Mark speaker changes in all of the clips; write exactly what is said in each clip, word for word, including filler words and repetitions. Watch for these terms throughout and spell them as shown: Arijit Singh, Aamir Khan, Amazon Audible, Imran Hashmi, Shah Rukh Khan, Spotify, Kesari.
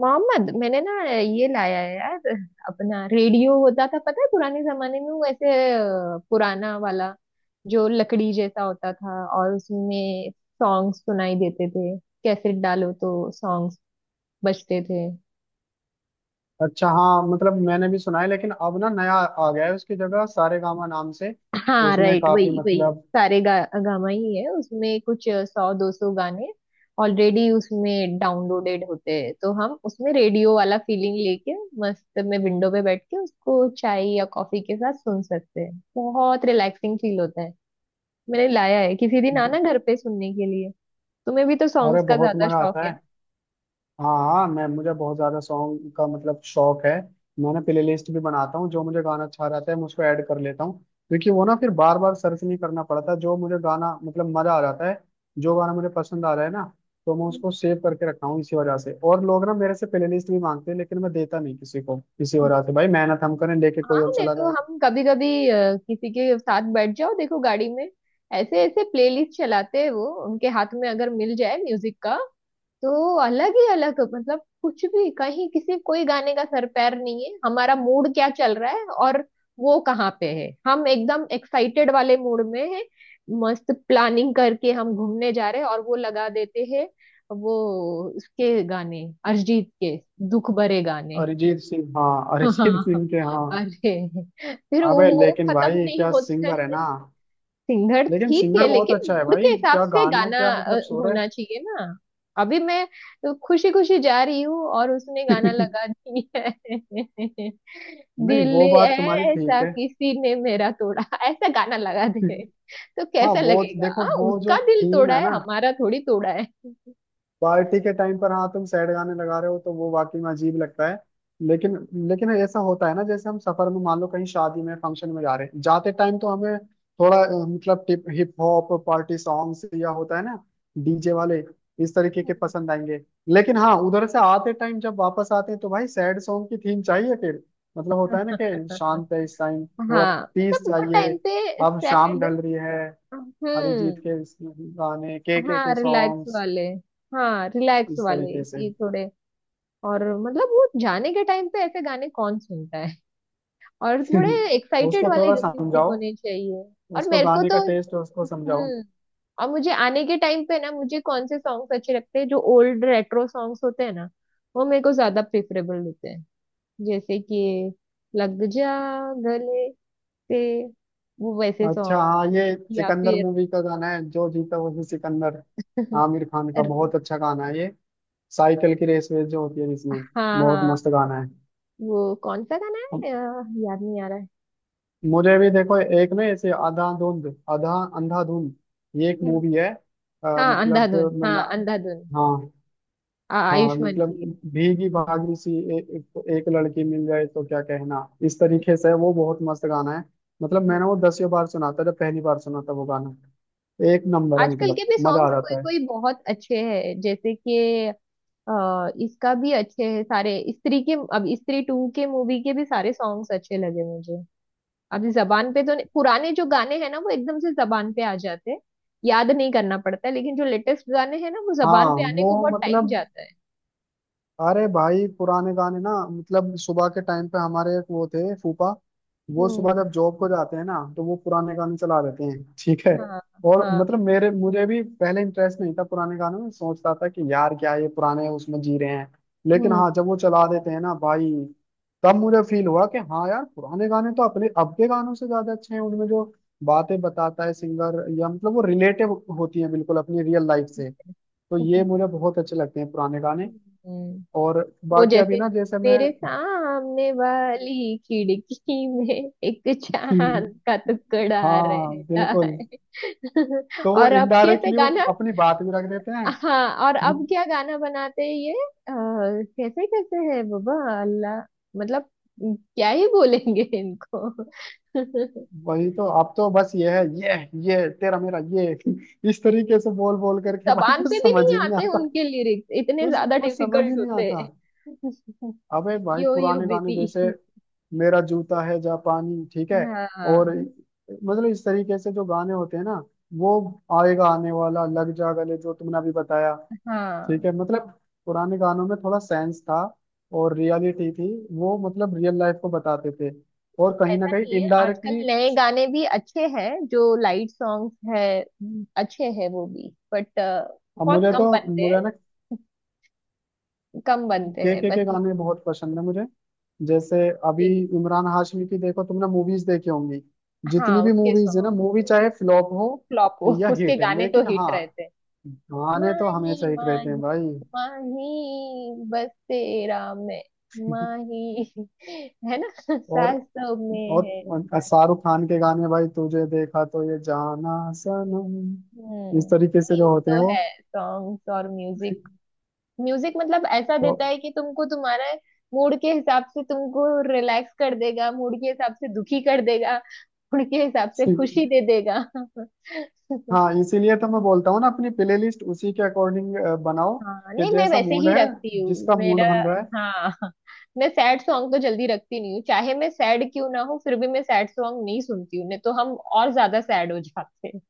Speaker 1: मोहम्मद, मैंने ना ये लाया है यार। अपना रेडियो होता था, पता है? पुराने जमाने में वो ऐसे अ, पुराना वाला जो लकड़ी जैसा होता था और उसमें सॉन्ग सुनाई देते थे। कैसेट डालो तो सॉन्ग्स बजते थे।
Speaker 2: अच्छा, हाँ, मतलब मैंने भी सुना है, लेकिन अब ना नया आ गया है उसकी जगह सारे गामा नाम से।
Speaker 1: हाँ,
Speaker 2: उसमें
Speaker 1: राइट।
Speaker 2: काफी
Speaker 1: वही वही
Speaker 2: मतलब।
Speaker 1: सारे गा, गामा ही है। उसमें कुछ सौ दो सौ गाने ऑलरेडी उसमें डाउनलोडेड होते हैं, तो हम उसमें रेडियो वाला फीलिंग लेके मस्त में विंडो पे बैठ के उसको चाय या कॉफी के साथ सुन सकते हैं। बहुत रिलैक्सिंग फील होता है। मैंने लाया है, किसी दिन आना घर पे सुनने के लिए। तुम्हें भी तो
Speaker 2: अरे
Speaker 1: सॉन्ग्स का
Speaker 2: बहुत
Speaker 1: ज्यादा
Speaker 2: मजा
Speaker 1: शौक
Speaker 2: आता
Speaker 1: है
Speaker 2: है। हाँ, हाँ, मैं मुझे बहुत ज्यादा सॉन्ग का मतलब शौक है। मैंने प्लेलिस्ट भी बनाता हूँ, जो मुझे गाना अच्छा रहता है मैं उसको ऐड कर लेता हूँ। क्योंकि वो ना फिर बार बार सर्च नहीं करना पड़ता, जो मुझे गाना मतलब मजा आ जाता है। जो गाना मुझे पसंद आ रहा है ना, तो मैं
Speaker 1: ना।
Speaker 2: उसको सेव करके रखता हूँ इसी वजह से, और लोग ना मेरे से प्लेलिस्ट भी मांगते हैं, लेकिन मैं देता नहीं किसी को इसी वजह से, भाई मेहनत हम करें लेके कोई
Speaker 1: हाँ,
Speaker 2: और
Speaker 1: नहीं
Speaker 2: चला
Speaker 1: तो
Speaker 2: जाए।
Speaker 1: हम कभी कभी किसी के साथ बैठ जाओ, देखो गाड़ी में ऐसे ऐसे प्लेलिस्ट चलाते हैं। वो उनके हाथ में अगर मिल जाए म्यूजिक का, तो अलग ही अलग मतलब कुछ भी, कहीं किसी कोई गाने का सर पैर नहीं है। हमारा मूड क्या चल रहा है और वो कहाँ पे है। हम एकदम एक्साइटेड वाले मूड में है, मस्त प्लानिंग करके हम घूमने जा रहे हैं, और वो लगा देते हैं वो उसके गाने, अरिजीत के दुख भरे गाने।
Speaker 2: अरिजीत सिंह, हाँ, अरिजीत
Speaker 1: हाँ।
Speaker 2: सिंह के, हाँ।
Speaker 1: अरे, फिर वो
Speaker 2: अबे
Speaker 1: वो
Speaker 2: लेकिन
Speaker 1: खत्म
Speaker 2: भाई
Speaker 1: नहीं
Speaker 2: क्या
Speaker 1: होता
Speaker 2: सिंगर है
Speaker 1: है।
Speaker 2: ना।
Speaker 1: सिंगर
Speaker 2: लेकिन
Speaker 1: ठीक है,
Speaker 2: सिंगर बहुत
Speaker 1: लेकिन
Speaker 2: अच्छा है
Speaker 1: मूड के
Speaker 2: भाई,
Speaker 1: हिसाब
Speaker 2: क्या
Speaker 1: से
Speaker 2: गाने हैं,
Speaker 1: गाना
Speaker 2: क्या
Speaker 1: अ,
Speaker 2: मतलब, सो रहे।
Speaker 1: होना चाहिए ना। अभी मैं खुशी खुशी जा रही हूँ और उसने गाना लगा दिया है।
Speaker 2: नहीं,
Speaker 1: दिल
Speaker 2: वो बात तुम्हारी ठीक
Speaker 1: ऐसा
Speaker 2: है।
Speaker 1: किसी ने मेरा तोड़ा, ऐसा गाना लगा दे तो
Speaker 2: हाँ,
Speaker 1: कैसा
Speaker 2: वो
Speaker 1: लगेगा।
Speaker 2: देखो
Speaker 1: हाँ,
Speaker 2: वो जो
Speaker 1: उसका दिल
Speaker 2: थीम
Speaker 1: तोड़ा
Speaker 2: है
Speaker 1: है,
Speaker 2: ना,
Speaker 1: हमारा थोड़ी तोड़ा है।
Speaker 2: पार्टी के टाइम पर, हाँ तुम सैड गाने लगा रहे हो तो वो वाकई में अजीब लगता है। लेकिन लेकिन ऐसा होता है ना, जैसे हम सफर में, मान लो कहीं शादी में फंक्शन में जा रहे हैं, जाते टाइम तो हमें थोड़ा, अ, मतलब टिप हिप हॉप पार्टी सॉन्ग्स, या होता है ना, डीजे वाले, इस तरीके के
Speaker 1: हम्म।
Speaker 2: पसंद आएंगे। लेकिन हाँ उधर से आते टाइम जब वापस आते हैं तो भाई सैड सॉन्ग की थीम चाहिए फिर, मतलब होता है ना कि शांत है इस टाइम, थोड़ा
Speaker 1: हाँ, मतलब
Speaker 2: पीस
Speaker 1: वो
Speaker 2: चाहिए,
Speaker 1: टाइम पे
Speaker 2: अब शाम
Speaker 1: सैड।
Speaker 2: ढल रही है। अरिजीत
Speaker 1: हम्म।
Speaker 2: के गाने, के के
Speaker 1: हाँ,
Speaker 2: के
Speaker 1: रिलैक्स
Speaker 2: सॉन्ग्स,
Speaker 1: वाले। हाँ, रिलैक्स
Speaker 2: इस
Speaker 1: वाले
Speaker 2: तरीके से।
Speaker 1: कि थोड़े। और मतलब वो जाने के टाइम पे ऐसे गाने कौन सुनता है। और थोड़े एक्साइटेड
Speaker 2: उसको
Speaker 1: वाले
Speaker 2: थोड़ा
Speaker 1: म्यूजिक
Speaker 2: समझाओ,
Speaker 1: होने चाहिए। और
Speaker 2: उसको
Speaker 1: मेरे को
Speaker 2: गाने का
Speaker 1: तो
Speaker 2: टेस्ट उसको समझाओ।
Speaker 1: हम्म। और मुझे आने के टाइम पे ना, मुझे कौन से सॉन्ग्स अच्छे लगते हैं? जो ओल्ड रेट्रो सॉन्ग्स होते हैं ना, वो मेरे को ज्यादा प्रेफरेबल होते हैं। जैसे कि लग जा गले से, वो वैसे
Speaker 2: अच्छा,
Speaker 1: सॉन्ग।
Speaker 2: हाँ, ये
Speaker 1: या
Speaker 2: सिकंदर
Speaker 1: फिर
Speaker 2: मूवी का गाना है, जो जीता वही सिकंदर। आमिर खान का बहुत अच्छा गाना है ये, साइकिल की रेस वेस जो होती है जिसमें,
Speaker 1: हाँ
Speaker 2: बहुत
Speaker 1: हाँ,
Speaker 2: मस्त गाना है।
Speaker 1: वो कौन सा गाना
Speaker 2: हम-
Speaker 1: है अ, याद नहीं आ रहा है।
Speaker 2: मुझे भी देखो, एक ना ऐसे आधा धुंध आधा अंधाधुंध, ये एक
Speaker 1: हम्म।
Speaker 2: मूवी है, अ,
Speaker 1: हाँ,
Speaker 2: मतलब
Speaker 1: अंधाधुन।
Speaker 2: मैं
Speaker 1: हाँ,
Speaker 2: ना,
Speaker 1: अंधाधुन।
Speaker 2: हाँ,
Speaker 1: आ-
Speaker 2: हाँ,
Speaker 1: आयुष्मान
Speaker 2: मतलब
Speaker 1: की है।
Speaker 2: भीगी भागी सी, ए, एक, एक लड़की मिल जाए तो क्या कहना, इस तरीके से वो बहुत मस्त गाना है। मतलब
Speaker 1: हम्म।
Speaker 2: मैंने वो दसियों बार सुना था, जब पहली बार सुना था वो गाना। एक नंबर है
Speaker 1: आजकल के
Speaker 2: मतलब,
Speaker 1: भी
Speaker 2: मजा आ
Speaker 1: सॉन्ग्स कोई
Speaker 2: जाता है।
Speaker 1: कोई बहुत अच्छे हैं। जैसे कि अ, इसका भी अच्छे है सारे। स्त्री के, अब स्त्री टू के मूवी के भी सारे सॉन्ग्स अच्छे लगे मुझे। अब जबान पे तो नहीं- पुराने जो गाने हैं ना वो एकदम से जबान पे आ जाते हैं, याद नहीं करना पड़ता है, लेकिन जो लेटेस्ट गाने हैं ना वो जबान
Speaker 2: हाँ
Speaker 1: पे आने
Speaker 2: वो
Speaker 1: को बहुत टाइम
Speaker 2: मतलब,
Speaker 1: जाता है।
Speaker 2: अरे भाई पुराने गाने ना, मतलब सुबह के टाइम पे हमारे एक वो थे फूफा, वो
Speaker 1: हम्म।
Speaker 2: सुबह जब जॉब को जाते हैं ना तो वो पुराने गाने चला देते हैं, ठीक है।
Speaker 1: हाँ
Speaker 2: और
Speaker 1: हाँ।
Speaker 2: मतलब मेरे मुझे भी पहले इंटरेस्ट नहीं था पुराने गानों में, सोचता था कि यार क्या ये पुराने उसमें जी रहे हैं। लेकिन
Speaker 1: हम्म।
Speaker 2: हाँ जब वो चला देते हैं ना भाई, तब मुझे फील हुआ कि हाँ यार, पुराने गाने तो अपने अब के गानों से ज्यादा अच्छे हैं, उनमें जो बातें बताता है सिंगर या मतलब वो रिलेटिव होती है बिल्कुल अपनी रियल लाइफ से। तो ये
Speaker 1: हम्म।
Speaker 2: मुझे बहुत अच्छे लगते हैं पुराने गाने।
Speaker 1: हम्म।
Speaker 2: और
Speaker 1: वो
Speaker 2: बाकी अभी
Speaker 1: जैसे,
Speaker 2: ना जैसे मैं,
Speaker 1: तेरे सामने वाली खिड़की में एक
Speaker 2: हम्म।
Speaker 1: चांद का टुकड़ा
Speaker 2: हाँ,
Speaker 1: रहता है।
Speaker 2: बिल्कुल, तो
Speaker 1: और अब कैसे
Speaker 2: इनडायरेक्टली वो
Speaker 1: गाना।
Speaker 2: अपनी बात भी रख देते हैं।
Speaker 1: हाँ, और अब क्या गाना बनाते हैं ये अ, कैसे कैसे है बाबा, अल्लाह, मतलब क्या ही बोलेंगे इनको।
Speaker 2: वही तो, अब तो बस ये है, ये ये तेरा मेरा ये, इस तरीके से बोल बोल करके भाई
Speaker 1: जबान
Speaker 2: कुछ
Speaker 1: पे भी
Speaker 2: समझ
Speaker 1: नहीं
Speaker 2: ही नहीं
Speaker 1: आते
Speaker 2: आता।
Speaker 1: उनके लिरिक्स, इतने
Speaker 2: कुछ
Speaker 1: ज्यादा
Speaker 2: कुछ समझ ही
Speaker 1: डिफिकल्ट
Speaker 2: नहीं
Speaker 1: होते
Speaker 2: आता।
Speaker 1: हैं।
Speaker 2: अबे भाई
Speaker 1: यो यो
Speaker 2: पुराने गाने
Speaker 1: बेबी।
Speaker 2: जैसे, मेरा जूता है जापानी, ठीक है। और
Speaker 1: हाँ
Speaker 2: मतलब इस तरीके से जो गाने होते हैं ना, वो, आएगा आने वाला, लग जा गले, जो तुमने अभी बताया, ठीक
Speaker 1: हाँ।
Speaker 2: है, मतलब पुराने गानों में थोड़ा सेंस था और रियलिटी थी, वो मतलब रियल लाइफ को बताते थे, और कहीं ना
Speaker 1: ऐसा
Speaker 2: कहीं
Speaker 1: नहीं है, आजकल
Speaker 2: इनडायरेक्टली,
Speaker 1: नए गाने भी अच्छे हैं जो लाइट सॉन्ग्स है, अच्छे हैं वो भी, बट बहुत
Speaker 2: मुझे तो
Speaker 1: कम बनते हैं।
Speaker 2: मुझे ना
Speaker 1: कम बनते
Speaker 2: के
Speaker 1: हैं
Speaker 2: के के
Speaker 1: बस।
Speaker 2: गाने बहुत पसंद है मुझे, जैसे अभी,
Speaker 1: ये कि
Speaker 2: इमरान हाशमी की देखो, तुमने मूवीज देखी होंगी, जितनी
Speaker 1: हाँ,
Speaker 2: भी
Speaker 1: उसके
Speaker 2: मूवीज है ना,
Speaker 1: सॉन्ग
Speaker 2: मूवी
Speaker 1: तो
Speaker 2: चाहे फ्लॉप हो
Speaker 1: फ्लॉप हो
Speaker 2: या
Speaker 1: उसके
Speaker 2: हिट,
Speaker 1: गाने तो
Speaker 2: लेकिन
Speaker 1: हिट
Speaker 2: हाँ
Speaker 1: रहते हैं।
Speaker 2: गाने तो हमेशा
Speaker 1: माही
Speaker 2: हिट रहते हैं
Speaker 1: माही,
Speaker 2: भाई।
Speaker 1: माही बस तेरा मैं माही है ना।
Speaker 2: और
Speaker 1: सासों में है।
Speaker 2: और शाहरुख खान के गाने भाई, तुझे देखा तो ये जाना, सनम, इस
Speaker 1: हम्म।
Speaker 2: तरीके से
Speaker 1: नहीं,
Speaker 2: जो
Speaker 1: वो
Speaker 2: होते हैं,
Speaker 1: तो
Speaker 2: वो,
Speaker 1: है सॉन्ग्स और म्यूजिक। म्यूजिक मतलब ऐसा
Speaker 2: तो,
Speaker 1: देता है कि तुमको, तुम्हारा मूड के हिसाब से तुमको रिलैक्स कर देगा, मूड के हिसाब से दुखी कर देगा, मूड के हिसाब से खुशी दे देगा।
Speaker 2: हाँ इसीलिए तो मैं बोलता हूँ ना, अपनी प्लेलिस्ट उसी के अकॉर्डिंग बनाओ,
Speaker 1: हाँ,
Speaker 2: कि
Speaker 1: नहीं मैं
Speaker 2: जैसा
Speaker 1: वैसे
Speaker 2: मूड
Speaker 1: ही
Speaker 2: है,
Speaker 1: रखती हूँ
Speaker 2: जिसका मूड
Speaker 1: मेरा।
Speaker 2: बन रहा है।
Speaker 1: हाँ, मैं सैड सॉन्ग तो जल्दी रखती नहीं हूँ। चाहे मैं सैड क्यों ना हो, फिर भी मैं सैड सॉन्ग नहीं सुनती हूँ। नहीं तो हम और ज्यादा सैड हो जाते हैं।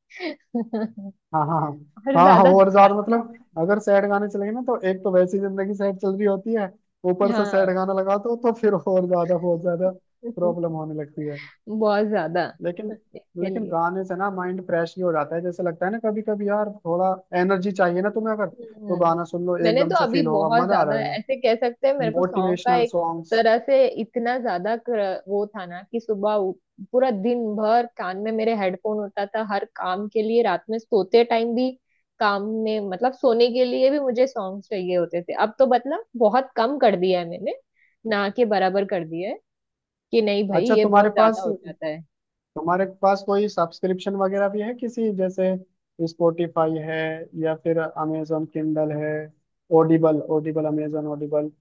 Speaker 2: हाँ, हाँ,
Speaker 1: और
Speaker 2: हाँ, हाँ, हाँ,
Speaker 1: ज्यादा दुख
Speaker 2: और
Speaker 1: आता
Speaker 2: ज्यादा मतलब
Speaker 1: है
Speaker 2: अगर
Speaker 1: हमको।
Speaker 2: सैड गाने चलेंगे ना, तो एक तो वैसी जिंदगी सैड चल रही होती है, ऊपर से सैड
Speaker 1: हाँ।
Speaker 2: गाना लगा दो तो फिर और ज्यादा, बहुत ज्यादा प्रॉब्लम होने लगती है।
Speaker 1: बहुत ज्यादा।
Speaker 2: लेकिन
Speaker 1: इसके
Speaker 2: लेकिन
Speaker 1: लिए
Speaker 2: गाने से ना माइंड फ्रेश भी हो जाता है, जैसे लगता है ना कभी कभी यार, थोड़ा एनर्जी चाहिए ना तुम्हें, अगर तो
Speaker 1: हम्म।
Speaker 2: गाना सुन लो
Speaker 1: मैंने
Speaker 2: एकदम
Speaker 1: तो
Speaker 2: से,
Speaker 1: अभी
Speaker 2: फील होगा,
Speaker 1: बहुत
Speaker 2: मजा आ
Speaker 1: ज्यादा,
Speaker 2: जाएगा।
Speaker 1: ऐसे कह सकते हैं, मेरे को सॉन्ग का
Speaker 2: मोटिवेशनल
Speaker 1: एक
Speaker 2: सॉन्ग्स।
Speaker 1: तरह से इतना ज्यादा क्र- वो था ना कि सुबह उ- पूरा दिन भर कान में मेरे हेडफोन होता था हर काम के लिए, रात में सोते टाइम भी, काम में मतलब सोने के लिए भी मुझे सॉन्ग चाहिए होते थे। अब तो मतलब बहुत कम कर दिया है मैंने, ना के बराबर कर दिया है कि नहीं भाई
Speaker 2: अच्छा,
Speaker 1: ये बहुत
Speaker 2: तुम्हारे
Speaker 1: ज्यादा
Speaker 2: पास
Speaker 1: हो जाता है।
Speaker 2: तुम्हारे पास कोई सब्सक्रिप्शन वगैरह भी है, किसी, जैसे स्पॉटिफाई है, या फिर अमेजोन किंडल है, ऑडिबल ऑडिबल अमेजोन ऑडिबल,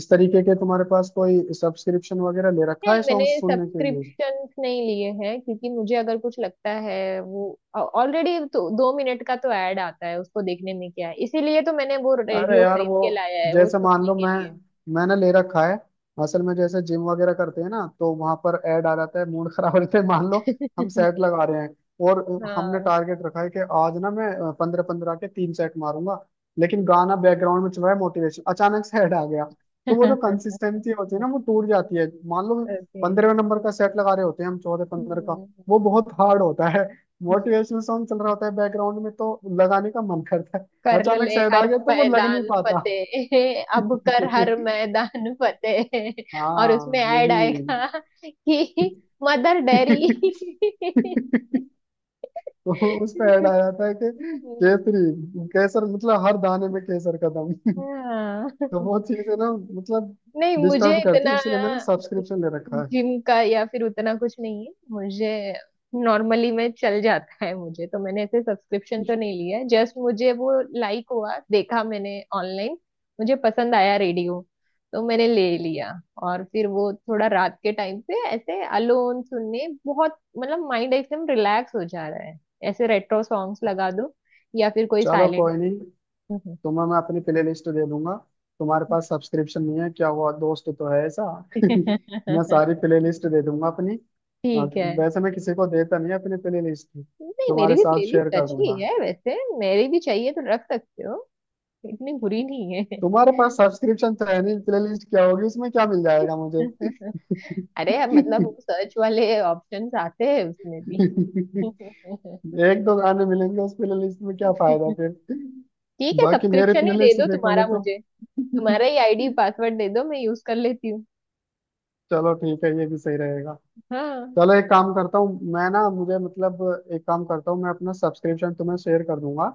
Speaker 2: इस तरीके के तुम्हारे पास कोई सब्सक्रिप्शन वगैरह ले रखा
Speaker 1: नहीं,
Speaker 2: है
Speaker 1: मैंने
Speaker 2: सॉन्ग सुनने के लिए?
Speaker 1: सब्सक्रिप्शंस नहीं लिए हैं क्योंकि मुझे अगर कुछ लगता है वो ऑलरेडी, तो दो मिनट का तो ऐड आता है, उसको देखने में क्या है। इसीलिए तो मैंने वो
Speaker 2: अरे
Speaker 1: रेडियो
Speaker 2: यार
Speaker 1: खरीद
Speaker 2: वो,
Speaker 1: के लाया है वो
Speaker 2: जैसे मान
Speaker 1: सुनने
Speaker 2: लो,
Speaker 1: के
Speaker 2: मैं
Speaker 1: लिए।
Speaker 2: मैंने ले रखा है। असल में जैसे जिम वगैरह करते हैं ना, तो वहां पर ऐड आ जाता है, मूड खराब रहते हैं, मान लो हम सेट लगा रहे हैं, और हमने
Speaker 1: हाँ।
Speaker 2: टारगेट रखा है कि आज ना मैं पंद्रह पंद्रह के तीन सेट मारूंगा, लेकिन गाना बैकग्राउंड में चल रहा है, मोटिवेशन अचानक से ऐड आ गया, तो वो जो
Speaker 1: ओके।
Speaker 2: कंसिस्टेंसी होती है ना वो टूट जाती है, मान लो पंद्रहवें नंबर का सेट लगा रहे होते हैं हम, चौदह पंद्रह का,
Speaker 1: हम्म।
Speaker 2: वो बहुत हार्ड होता है। मोटिवेशनल सॉन्ग चल रहा होता है बैकग्राउंड में तो लगाने का मन करता है,
Speaker 1: कर
Speaker 2: अचानक
Speaker 1: ले
Speaker 2: से हटा
Speaker 1: हर
Speaker 2: गया तो वो लग नहीं
Speaker 1: मैदान
Speaker 2: पाता।
Speaker 1: फतेह, अब कर हर मैदान फतेह। और उसमें
Speaker 2: हाँ
Speaker 1: ऐड
Speaker 2: यही।
Speaker 1: आएगा कि मदर डेरी।
Speaker 2: तो उस पे ऐड आया था कि, केसरी केसर, मतलब हर दाने में केसर का दम।
Speaker 1: हाँ।
Speaker 2: तो वो चीज है ना मतलब,
Speaker 1: नहीं, मुझे
Speaker 2: डिस्टर्ब करती है,
Speaker 1: इतना
Speaker 2: इसलिए मैंने सब्सक्रिप्शन ले रखा है।
Speaker 1: जिम का या फिर उतना कुछ नहीं है, मुझे नॉर्मली में चल जाता है। मुझे तो मैंने ऐसे सब्सक्रिप्शन तो नहीं लिया है, जस्ट मुझे वो लाइक हुआ, देखा मैंने ऑनलाइन, मुझे पसंद आया रेडियो, तो मैंने ले लिया। और फिर वो थोड़ा रात के टाइम पे ऐसे अलोन सुनने, बहुत मतलब माइंड एकदम रिलैक्स हो जा रहा है। ऐसे रेट्रो सॉन्ग्स लगा दो, या फिर कोई
Speaker 2: चलो
Speaker 1: साइलेंट।
Speaker 2: कोई नहीं, तुम्हें मैं अपनी प्ले लिस्ट दे दूंगा। तुम्हारे पास सब्सक्रिप्शन नहीं है, क्या हुआ, दोस्त तो है ऐसा। मैं
Speaker 1: ठीक
Speaker 2: सारी प्ले लिस्ट दे दूंगा अपनी, अ,
Speaker 1: है।
Speaker 2: वैसे मैं किसी को देता नहीं अपनी प्ले लिस्ट,
Speaker 1: नहीं, मेरी
Speaker 2: तुम्हारे
Speaker 1: भी
Speaker 2: साथ शेयर
Speaker 1: प्लेलिस्ट
Speaker 2: कर
Speaker 1: अच्छी
Speaker 2: दूंगा।
Speaker 1: है वैसे, मेरी भी चाहिए तो रख सकते हो, इतनी बुरी नहीं है।
Speaker 2: तुम्हारे पास सब्सक्रिप्शन तो है नहीं, प्ले लिस्ट क्या होगी, इसमें क्या मिल जाएगा मुझे?
Speaker 1: अरे, अब मतलब वो सर्च वाले ऑप्शंस आते हैं उसमें भी।
Speaker 2: एक दो गाने मिलेंगे उस प्ले लिस्ट में, क्या फायदा फिर।
Speaker 1: ठीक है,
Speaker 2: बाकी मेरे
Speaker 1: सब्सक्रिप्शन
Speaker 2: प्ले
Speaker 1: ही दे
Speaker 2: लिस्ट
Speaker 1: दो
Speaker 2: देखोगे
Speaker 1: तुम्हारा
Speaker 2: तो।
Speaker 1: मुझे। तुम्हारा ही आईडी पासवर्ड दे दो, मैं यूज कर लेती हूँ।
Speaker 2: चलो ठीक है, ये भी सही रहेगा।
Speaker 1: हाँ।
Speaker 2: चलो एक काम करता हूँ मैं ना, मुझे मतलब, एक काम करता हूँ मैं, अपना सब्सक्रिप्शन तुम्हें शेयर कर दूंगा,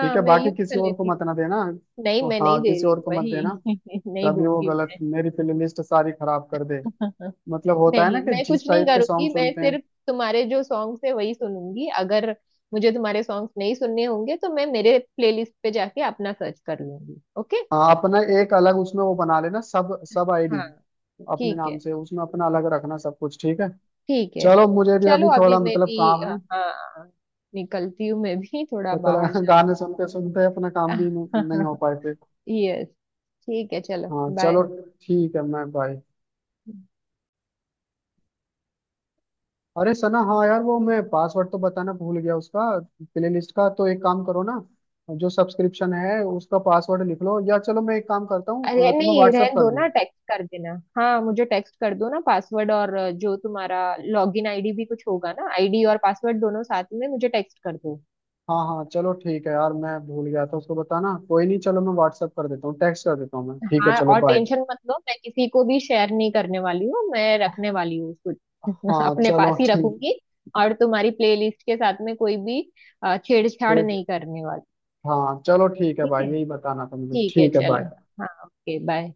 Speaker 2: ठीक है,
Speaker 1: मैं
Speaker 2: बाकी
Speaker 1: यूज कर
Speaker 2: किसी और को
Speaker 1: लेती
Speaker 2: मत ना
Speaker 1: हूँ।
Speaker 2: देना।
Speaker 1: नहीं, मैं नहीं
Speaker 2: हाँ,
Speaker 1: दे
Speaker 2: किसी
Speaker 1: रही
Speaker 2: और
Speaker 1: हूँ
Speaker 2: को मत देना,
Speaker 1: वही। नहीं
Speaker 2: तभी वो
Speaker 1: दूंगी।
Speaker 2: गलत मेरी प्लेलिस्ट सारी खराब कर दे, मतलब होता है
Speaker 1: नहीं,
Speaker 2: ना कि
Speaker 1: मैं कुछ
Speaker 2: जिस
Speaker 1: नहीं
Speaker 2: टाइप के
Speaker 1: करूंगी,
Speaker 2: सॉन्ग
Speaker 1: मैं
Speaker 2: सुनते हैं।
Speaker 1: सिर्फ तुम्हारे जो सॉन्ग्स है वही सुनूंगी। अगर मुझे तुम्हारे सॉन्ग्स नहीं सुनने होंगे तो मैं मेरे प्लेलिस्ट पे जाके अपना सर्च कर लूंगी, ओके।
Speaker 2: हाँ अपना एक अलग उसमें वो बना लेना, सब सब आईडी,
Speaker 1: हाँ।
Speaker 2: अपने
Speaker 1: ठीक है।
Speaker 2: नाम से उसमें अपना अलग रखना सब कुछ, ठीक है।
Speaker 1: ठीक है।
Speaker 2: चलो मुझे भी
Speaker 1: चलो
Speaker 2: अभी
Speaker 1: अभी
Speaker 2: थोड़ा
Speaker 1: मैं
Speaker 2: मतलब
Speaker 1: भी,
Speaker 2: काम
Speaker 1: हाँ
Speaker 2: है,
Speaker 1: हाँ, निकलती हूँ मैं भी थोड़ा
Speaker 2: पता
Speaker 1: बाहर
Speaker 2: लगा गाने सुनते सुनते अपना काम भी
Speaker 1: जाना।
Speaker 2: नहीं नहीं हो पाए फिर।
Speaker 1: यस। ठीक है, चलो
Speaker 2: हाँ चलो,
Speaker 1: बाय।
Speaker 2: ठीक है मैं बाय। अरे सना, हाँ यार वो मैं पासवर्ड तो बताना भूल गया उसका, प्ले लिस्ट का, तो एक काम करो ना, जो सब्सक्रिप्शन है उसका पासवर्ड लिख लो, या चलो मैं एक काम करता हूँ,
Speaker 1: अरे
Speaker 2: अ, तुम्हें
Speaker 1: नहीं,
Speaker 2: व्हाट्सअप
Speaker 1: रहन
Speaker 2: कर
Speaker 1: दो
Speaker 2: दूँ।
Speaker 1: ना, टेक्स्ट कर देना। हाँ, मुझे टेक्स्ट कर दो ना पासवर्ड और अ, जो तुम्हारा लॉगिन आईडी भी कुछ होगा ना, आईडी और पासवर्ड दोनों साथ में मुझे टेक्स्ट कर दो।
Speaker 2: हाँ हाँ चलो ठीक है यार, मैं भूल गया था उसको बताना, कोई नहीं, चलो मैं व्हाट्सअप कर देता हूँ, टेक्स्ट कर देता हूँ मैं, ठीक है
Speaker 1: हाँ,
Speaker 2: चलो
Speaker 1: और
Speaker 2: बाय।
Speaker 1: टेंशन मत लो, मैं किसी को भी शेयर नहीं करने वाली हूँ, मैं रखने वाली हूँ उसको
Speaker 2: हाँ
Speaker 1: अपने
Speaker 2: चलो
Speaker 1: पास ही
Speaker 2: ठीक,
Speaker 1: रखूंगी। और तुम्हारी प्लेलिस्ट के साथ में कोई भी अ, छेड़छाड़
Speaker 2: ठीक,
Speaker 1: नहीं करने वाली।
Speaker 2: हाँ चलो ठीक है
Speaker 1: ठीक
Speaker 2: भाई,
Speaker 1: है।
Speaker 2: यही बताना था मुझे,
Speaker 1: ठीक है,
Speaker 2: ठीक है
Speaker 1: चलो।
Speaker 2: बाय।
Speaker 1: हाँ, ओके बाय।